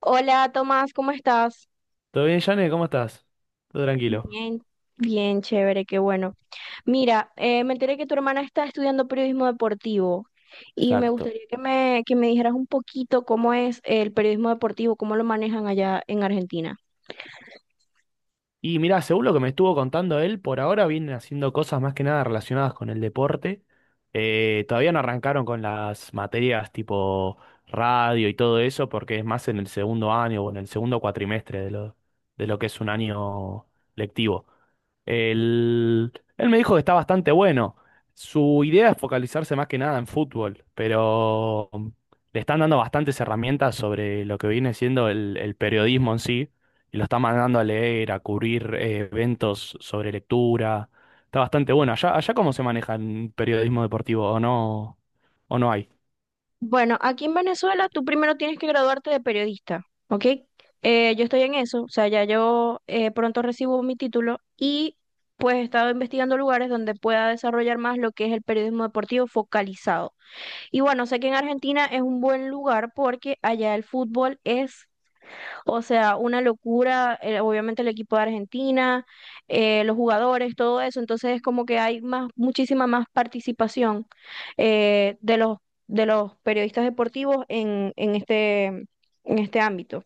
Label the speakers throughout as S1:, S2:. S1: Hola Tomás, ¿cómo estás?
S2: ¿Todo bien, Jane? ¿Cómo estás? Todo tranquilo.
S1: Bien, Bien, chévere, qué bueno. Mira, me enteré que tu hermana está estudiando periodismo deportivo y me
S2: Exacto.
S1: gustaría que me dijeras un poquito cómo es el periodismo deportivo, cómo lo manejan allá en Argentina.
S2: Y mira, según lo que me estuvo contando él, por ahora vienen haciendo cosas más que nada relacionadas con el deporte. Todavía no arrancaron con las materias tipo radio y todo eso, porque es más en el segundo año o en el segundo cuatrimestre de lo que es un año lectivo. Él, él me dijo que está bastante bueno. Su idea es focalizarse más que nada en fútbol, pero le están dando bastantes herramientas sobre lo que viene siendo el periodismo en sí y lo está mandando a leer, a cubrir eventos sobre lectura. Está bastante bueno. Allá cómo se maneja el periodismo deportivo, o no hay.
S1: Bueno, aquí en Venezuela tú primero tienes que graduarte de periodista, ¿ok? Yo estoy en eso, o sea, ya yo pronto recibo mi título y pues he estado investigando lugares donde pueda desarrollar más lo que es el periodismo deportivo focalizado. Y bueno, sé que en Argentina es un buen lugar porque allá el fútbol es, o sea, una locura, obviamente el equipo de Argentina, los jugadores, todo eso. Entonces es como que hay más, muchísima más participación, eh, de los, de los periodistas deportivos en este ámbito.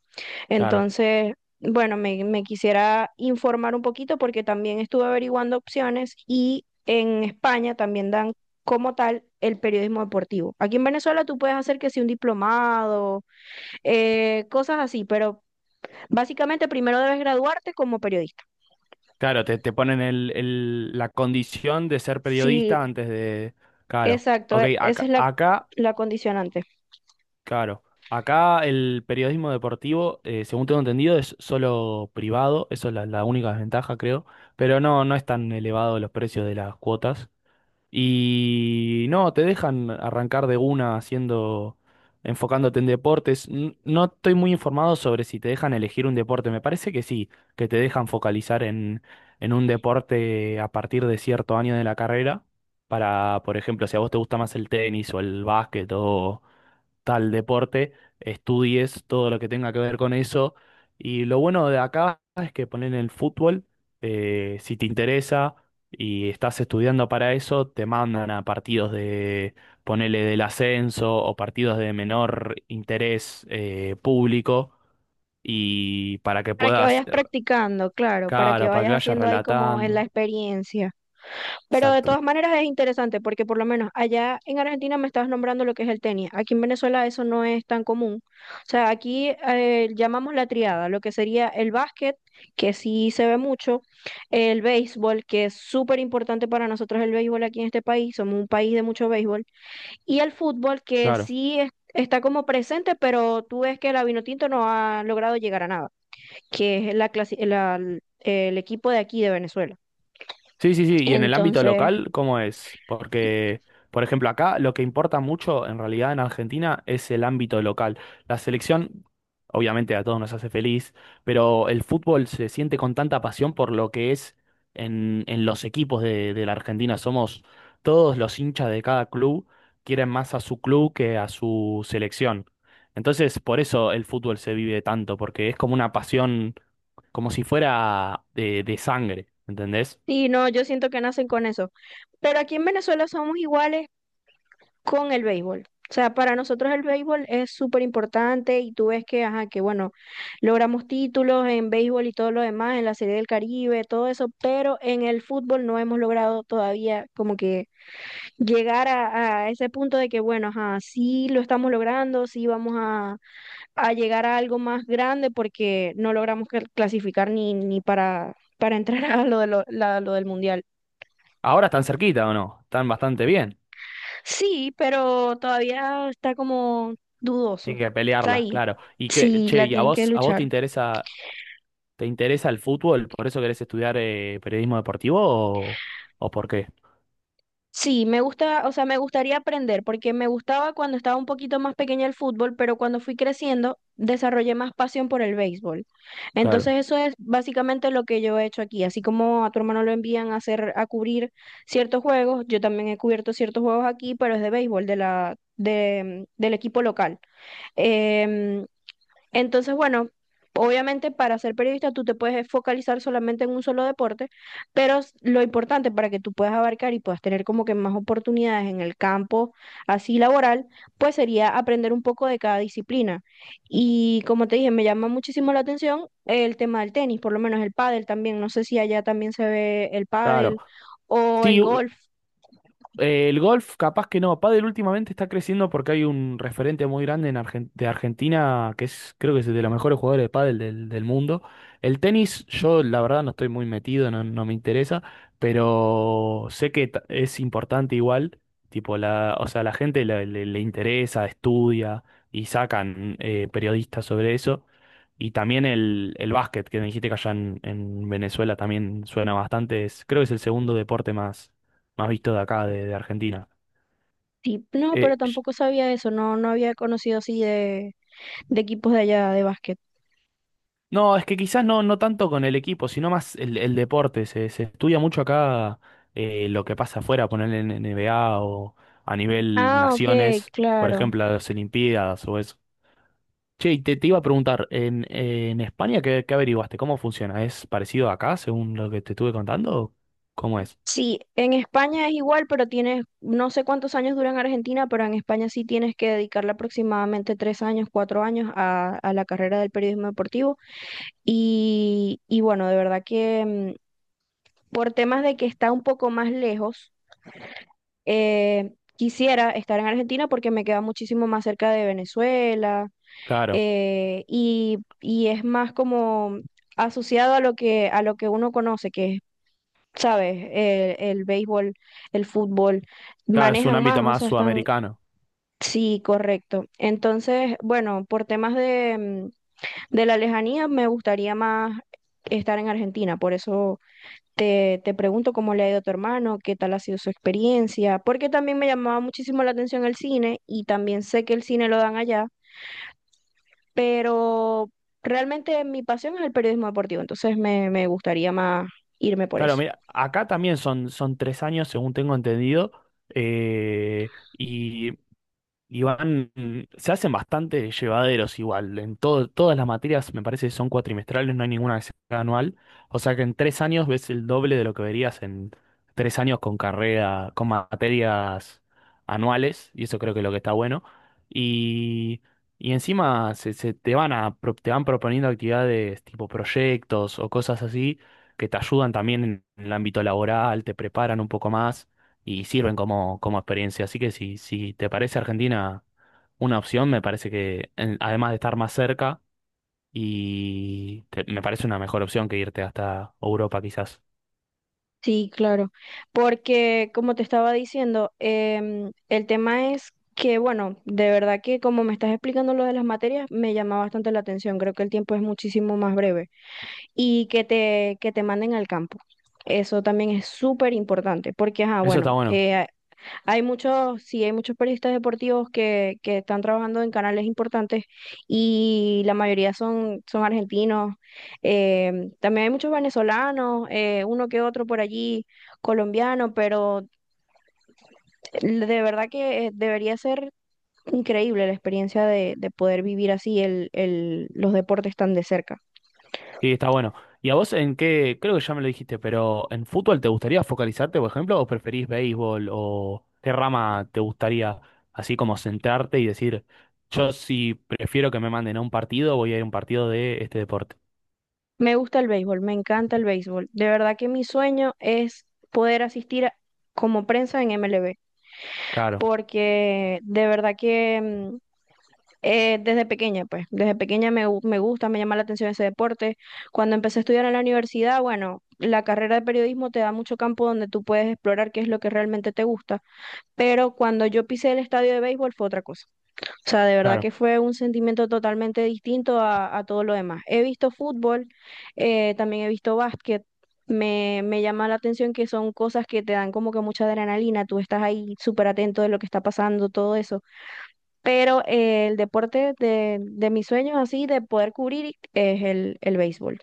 S2: Claro.
S1: Entonces, me quisiera informar un poquito porque también estuve averiguando opciones y en España también dan como tal el periodismo deportivo. Aquí en Venezuela tú puedes hacer que si un diplomado, cosas así, pero básicamente, primero debes graduarte como periodista.
S2: Claro, te ponen la condición de ser
S1: Sí,
S2: periodista antes de. Claro.
S1: exacto,
S2: Ok,
S1: esa es la, la condicionante.
S2: claro. Acá el periodismo deportivo, según tengo entendido, es solo privado. Eso es la única desventaja, creo. Pero no, no es tan elevado los precios de las cuotas. Y no, te dejan arrancar de una enfocándote en deportes. No estoy muy informado sobre si te dejan elegir un deporte. Me parece que sí, que te dejan focalizar en un deporte a partir de cierto año de la carrera. Para, por ejemplo, si a vos te gusta más el tenis o el básquet tal deporte, estudies todo lo que tenga que ver con eso. Y lo bueno de acá es que ponen el fútbol, si te interesa y estás estudiando para eso, te mandan a ponele del ascenso o partidos de menor interés público y para que
S1: Para que
S2: puedas,
S1: vayas practicando, claro, para que
S2: claro, para
S1: vayas
S2: que vayas
S1: haciendo ahí como en la
S2: relatando.
S1: experiencia. Pero de
S2: Exacto.
S1: todas maneras es interesante porque por lo menos allá en Argentina me estabas nombrando lo que es el tenis. Aquí en Venezuela eso no es tan común. O sea, aquí llamamos la triada, lo que sería el básquet, que sí se ve mucho, el béisbol, que es súper importante para nosotros, el béisbol aquí en este país, somos un país de mucho béisbol. Y el fútbol, que
S2: Claro.
S1: está como presente, pero tú ves que la Vinotinto no ha logrado llegar a nada, que es el equipo de aquí de Venezuela.
S2: Sí, sí, sí. ¿Y en el ámbito
S1: Entonces,
S2: local, cómo es? Porque, por ejemplo, acá lo que importa mucho en realidad en Argentina es el ámbito local. La selección, obviamente, a todos nos hace feliz, pero el fútbol se siente con tanta pasión por lo que es en los equipos de la Argentina. Somos todos los hinchas de cada club, quieren más a su club que a su selección. Entonces, por eso el fútbol se vive tanto, porque es como una pasión, como si fuera de sangre, ¿entendés?
S1: sí, no, yo siento que nacen con eso. Pero aquí en Venezuela somos iguales con el béisbol. O sea, para nosotros el béisbol es súper importante y tú ves que, ajá, que bueno, logramos títulos en béisbol y todo lo demás, en la Serie del Caribe, todo eso, pero en el fútbol no hemos logrado todavía como que llegar a ese punto de que, bueno, ajá, sí lo estamos logrando, sí a llegar a algo más grande porque no logramos clasificar ni para entrar a lo de lo la- lo del Mundial.
S2: Ahora están cerquita o no, están bastante bien.
S1: Sí, pero todavía está como dudoso.
S2: Tienen que
S1: Está
S2: pelearla,
S1: ahí.
S2: claro. Y
S1: Sí,
S2: che,
S1: la
S2: ¿y
S1: tienen que
S2: a vos
S1: luchar.
S2: te interesa el fútbol? ¿Por eso querés estudiar periodismo deportivo o por qué?
S1: Sí, me gusta, o sea, me gustaría aprender, porque me gustaba cuando estaba un poquito más pequeña el fútbol, pero cuando fui creciendo desarrollé más pasión por el béisbol. Entonces
S2: Claro,
S1: eso es básicamente lo que yo he hecho aquí. Así como a tu hermano lo envían a hacer, a cubrir ciertos juegos, yo también he cubierto ciertos juegos aquí, pero es de béisbol, del equipo local. Em, Entonces, bueno, obviamente para ser periodista tú te puedes focalizar solamente en un solo deporte, pero lo importante para que tú puedas abarcar y puedas tener como que más oportunidades en el campo así laboral, pues sería aprender un poco de cada disciplina. Y como te dije, me llama muchísimo la atención el tema del tenis, por lo menos el pádel también. No sé si allá también se ve el
S2: claro.
S1: pádel o el
S2: Sí,
S1: golf.
S2: El golf, capaz que no. Pádel últimamente está creciendo porque hay un referente muy grande en de Argentina que es, creo que es de los mejores jugadores de pádel del mundo. El tenis, yo la verdad no estoy muy metido, no, no me interesa, pero sé que es importante igual. Tipo, o sea, la gente le interesa, estudia y sacan periodistas sobre eso. Y también el básquet, que me dijiste que allá en Venezuela también suena bastante. Creo que es el segundo deporte más visto de acá, de Argentina.
S1: Sí, no,
S2: Eh,
S1: pero
S2: sh-
S1: tampoco sabía eso, no, no había conocido así de equipos de allá de básquet.
S2: no, es que quizás no, no tanto con el equipo, sino más el deporte. Se estudia mucho acá lo que pasa afuera, poner en NBA o a nivel
S1: Ah, ok,
S2: naciones, por
S1: claro.
S2: ejemplo, las Olimpiadas o eso. Che, y te iba a preguntar, ¿en España qué averiguaste? ¿Cómo funciona? ¿Es parecido a acá, según lo que te estuve contando? O ¿cómo es?
S1: Sí, en España es igual, pero tienes, no sé cuántos años dura en Argentina, pero en España sí tienes que dedicarle aproximadamente tres años, cuatro años a la carrera del periodismo deportivo. Y bueno, de verdad que mm, por temas de que está un poco más lejos, quisiera estar en Argentina porque me queda muchísimo más cerca de Venezuela,
S2: Claro,
S1: y es más como asociado a a lo que uno conoce, que ¿sabes? El béisbol, el fútbol,
S2: claro, es un
S1: manejan
S2: ámbito
S1: más, o
S2: más
S1: sea, están,
S2: sudamericano.
S1: sí, correcto. Entonces, bueno, por temas de, mm, de la lejanía, me gustaría más estar en Argentina, por eso te pregunto cómo le ha ido a tu hermano, qué tal ha sido su experiencia, porque también me llamaba muchísimo la atención el cine y también sé que el cine lo dan allá, pero realmente mi pasión es el periodismo deportivo, entonces me gustaría más irme por
S2: Claro,
S1: eso.
S2: mira, acá también son 3 años, según tengo entendido, eh, y y van, se hacen bastante llevaderos igual. Todas las materias me parece que son cuatrimestrales, no hay ninguna que sea anual. O sea que en 3 años ves el doble de lo que verías en 3 años con carrera, con materias anuales, y eso creo que es lo que está bueno. Y, y encima se te van a, te van proponiendo actividades tipo proyectos o cosas así que te ayudan también en el ámbito laboral, te preparan un poco más y sirven como, como experiencia. Así que si, si te parece Argentina una opción, me parece que además de estar más cerca y me parece una mejor opción que irte hasta Europa quizás.
S1: Sí, claro, porque como te estaba diciendo, el tema es que, bueno, de verdad que como me estás explicando lo de las materias, me llama bastante la atención, creo que el tiempo es muchísimo más breve y que te manden al campo. Eso también es súper importante, porque, ajá,
S2: Eso
S1: bueno,
S2: está bueno,
S1: hay muchos, sí, hay muchos periodistas deportivos que están trabajando en canales importantes y la mayoría son, son argentinos. También hay muchos venezolanos, uno que otro por allí, colombiano, pero eh, de verdad que debería ser increíble la experiencia de poder vivir así los deportes tan de cerca.
S2: sí, está bueno. ¿Y a vos en qué? Creo que ya me lo dijiste, pero ¿en fútbol te gustaría focalizarte, por ejemplo, o preferís béisbol o qué rama te gustaría así como centrarte y decir, yo si prefiero que me manden a un partido, voy a ir a un partido de este deporte?
S1: Me gusta el béisbol, me encanta el béisbol. De verdad que mi sueño es poder como prensa en MLB,
S2: Claro,
S1: porque de verdad que mm, desde pequeña, pues, desde pequeña me gusta, me llama la atención ese deporte. Cuando empecé a estudiar en la universidad, bueno, la carrera de periodismo te da mucho campo donde tú puedes explorar qué es lo que realmente te gusta, pero cuando yo pisé el estadio de béisbol fue otra cosa. O sea, de verdad que
S2: claro.
S1: fue un sentimiento totalmente distinto a todo lo demás. He visto fútbol, también he visto básquet. Me llama la atención que son cosas que te dan como que mucha adrenalina, tú estás ahí súper atento de lo que está pasando, todo eso. Pero el deporte de mis sueños así, de poder cubrir, es el béisbol.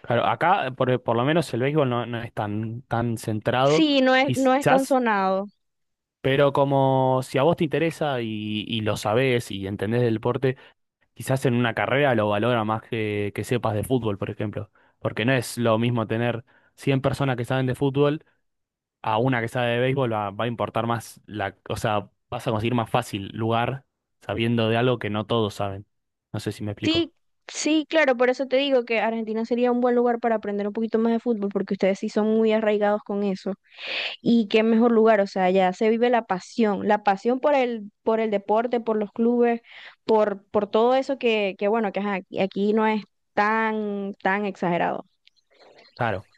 S2: Claro, acá por lo menos el béisbol no, no es tan, tan centrado,
S1: Sí, no es, no es tan
S2: quizás,
S1: sonado.
S2: pero como si a vos te interesa y lo sabés y entendés del deporte, quizás en una carrera lo valora más que sepas de fútbol, por ejemplo. Porque no es lo mismo tener 100 personas que saben de fútbol a una que sabe de béisbol, va, va a importar más o sea, vas a conseguir más fácil lugar sabiendo de algo que no todos saben. No sé si me explico.
S1: Sí, sí, claro, por eso te digo que Argentina sería un buen lugar para aprender un poquito más de fútbol, porque ustedes sí son muy arraigados con eso. Y qué mejor lugar, o sea, ya se vive la pasión por el deporte, por los clubes, por todo eso que bueno, que ajá, aquí no es tan, tan exagerado.
S2: Claro,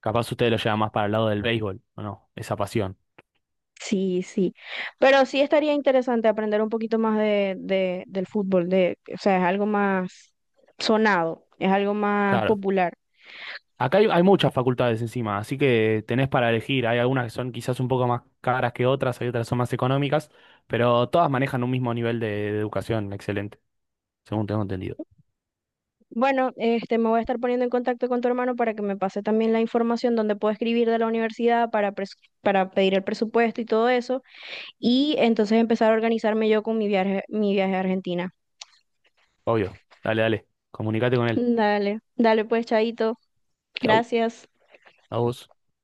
S2: capaz ustedes lo llevan más para el lado del béisbol, ¿o no? Esa pasión.
S1: Sí, sí. Pero sí estaría interesante aprender un poquito más de, del fútbol, de, o sea, es algo más sonado, es algo más
S2: Claro.
S1: popular.
S2: Acá hay, hay muchas facultades encima, así que tenés para elegir. Hay algunas que son quizás un poco más caras que otras, hay otras que son más económicas, pero todas manejan un mismo nivel de educación excelente, según tengo entendido.
S1: Bueno, este, me voy a estar poniendo en contacto con tu hermano para que me pase también la información donde puedo escribir de la universidad para, para pedir el presupuesto y todo eso. Y entonces empezar a organizarme yo con mi viaje a Argentina.
S2: Obvio. Dale, dale. Comunicate con él.
S1: Dale, dale pues, Chaito.
S2: Chau.
S1: Gracias.
S2: A vos.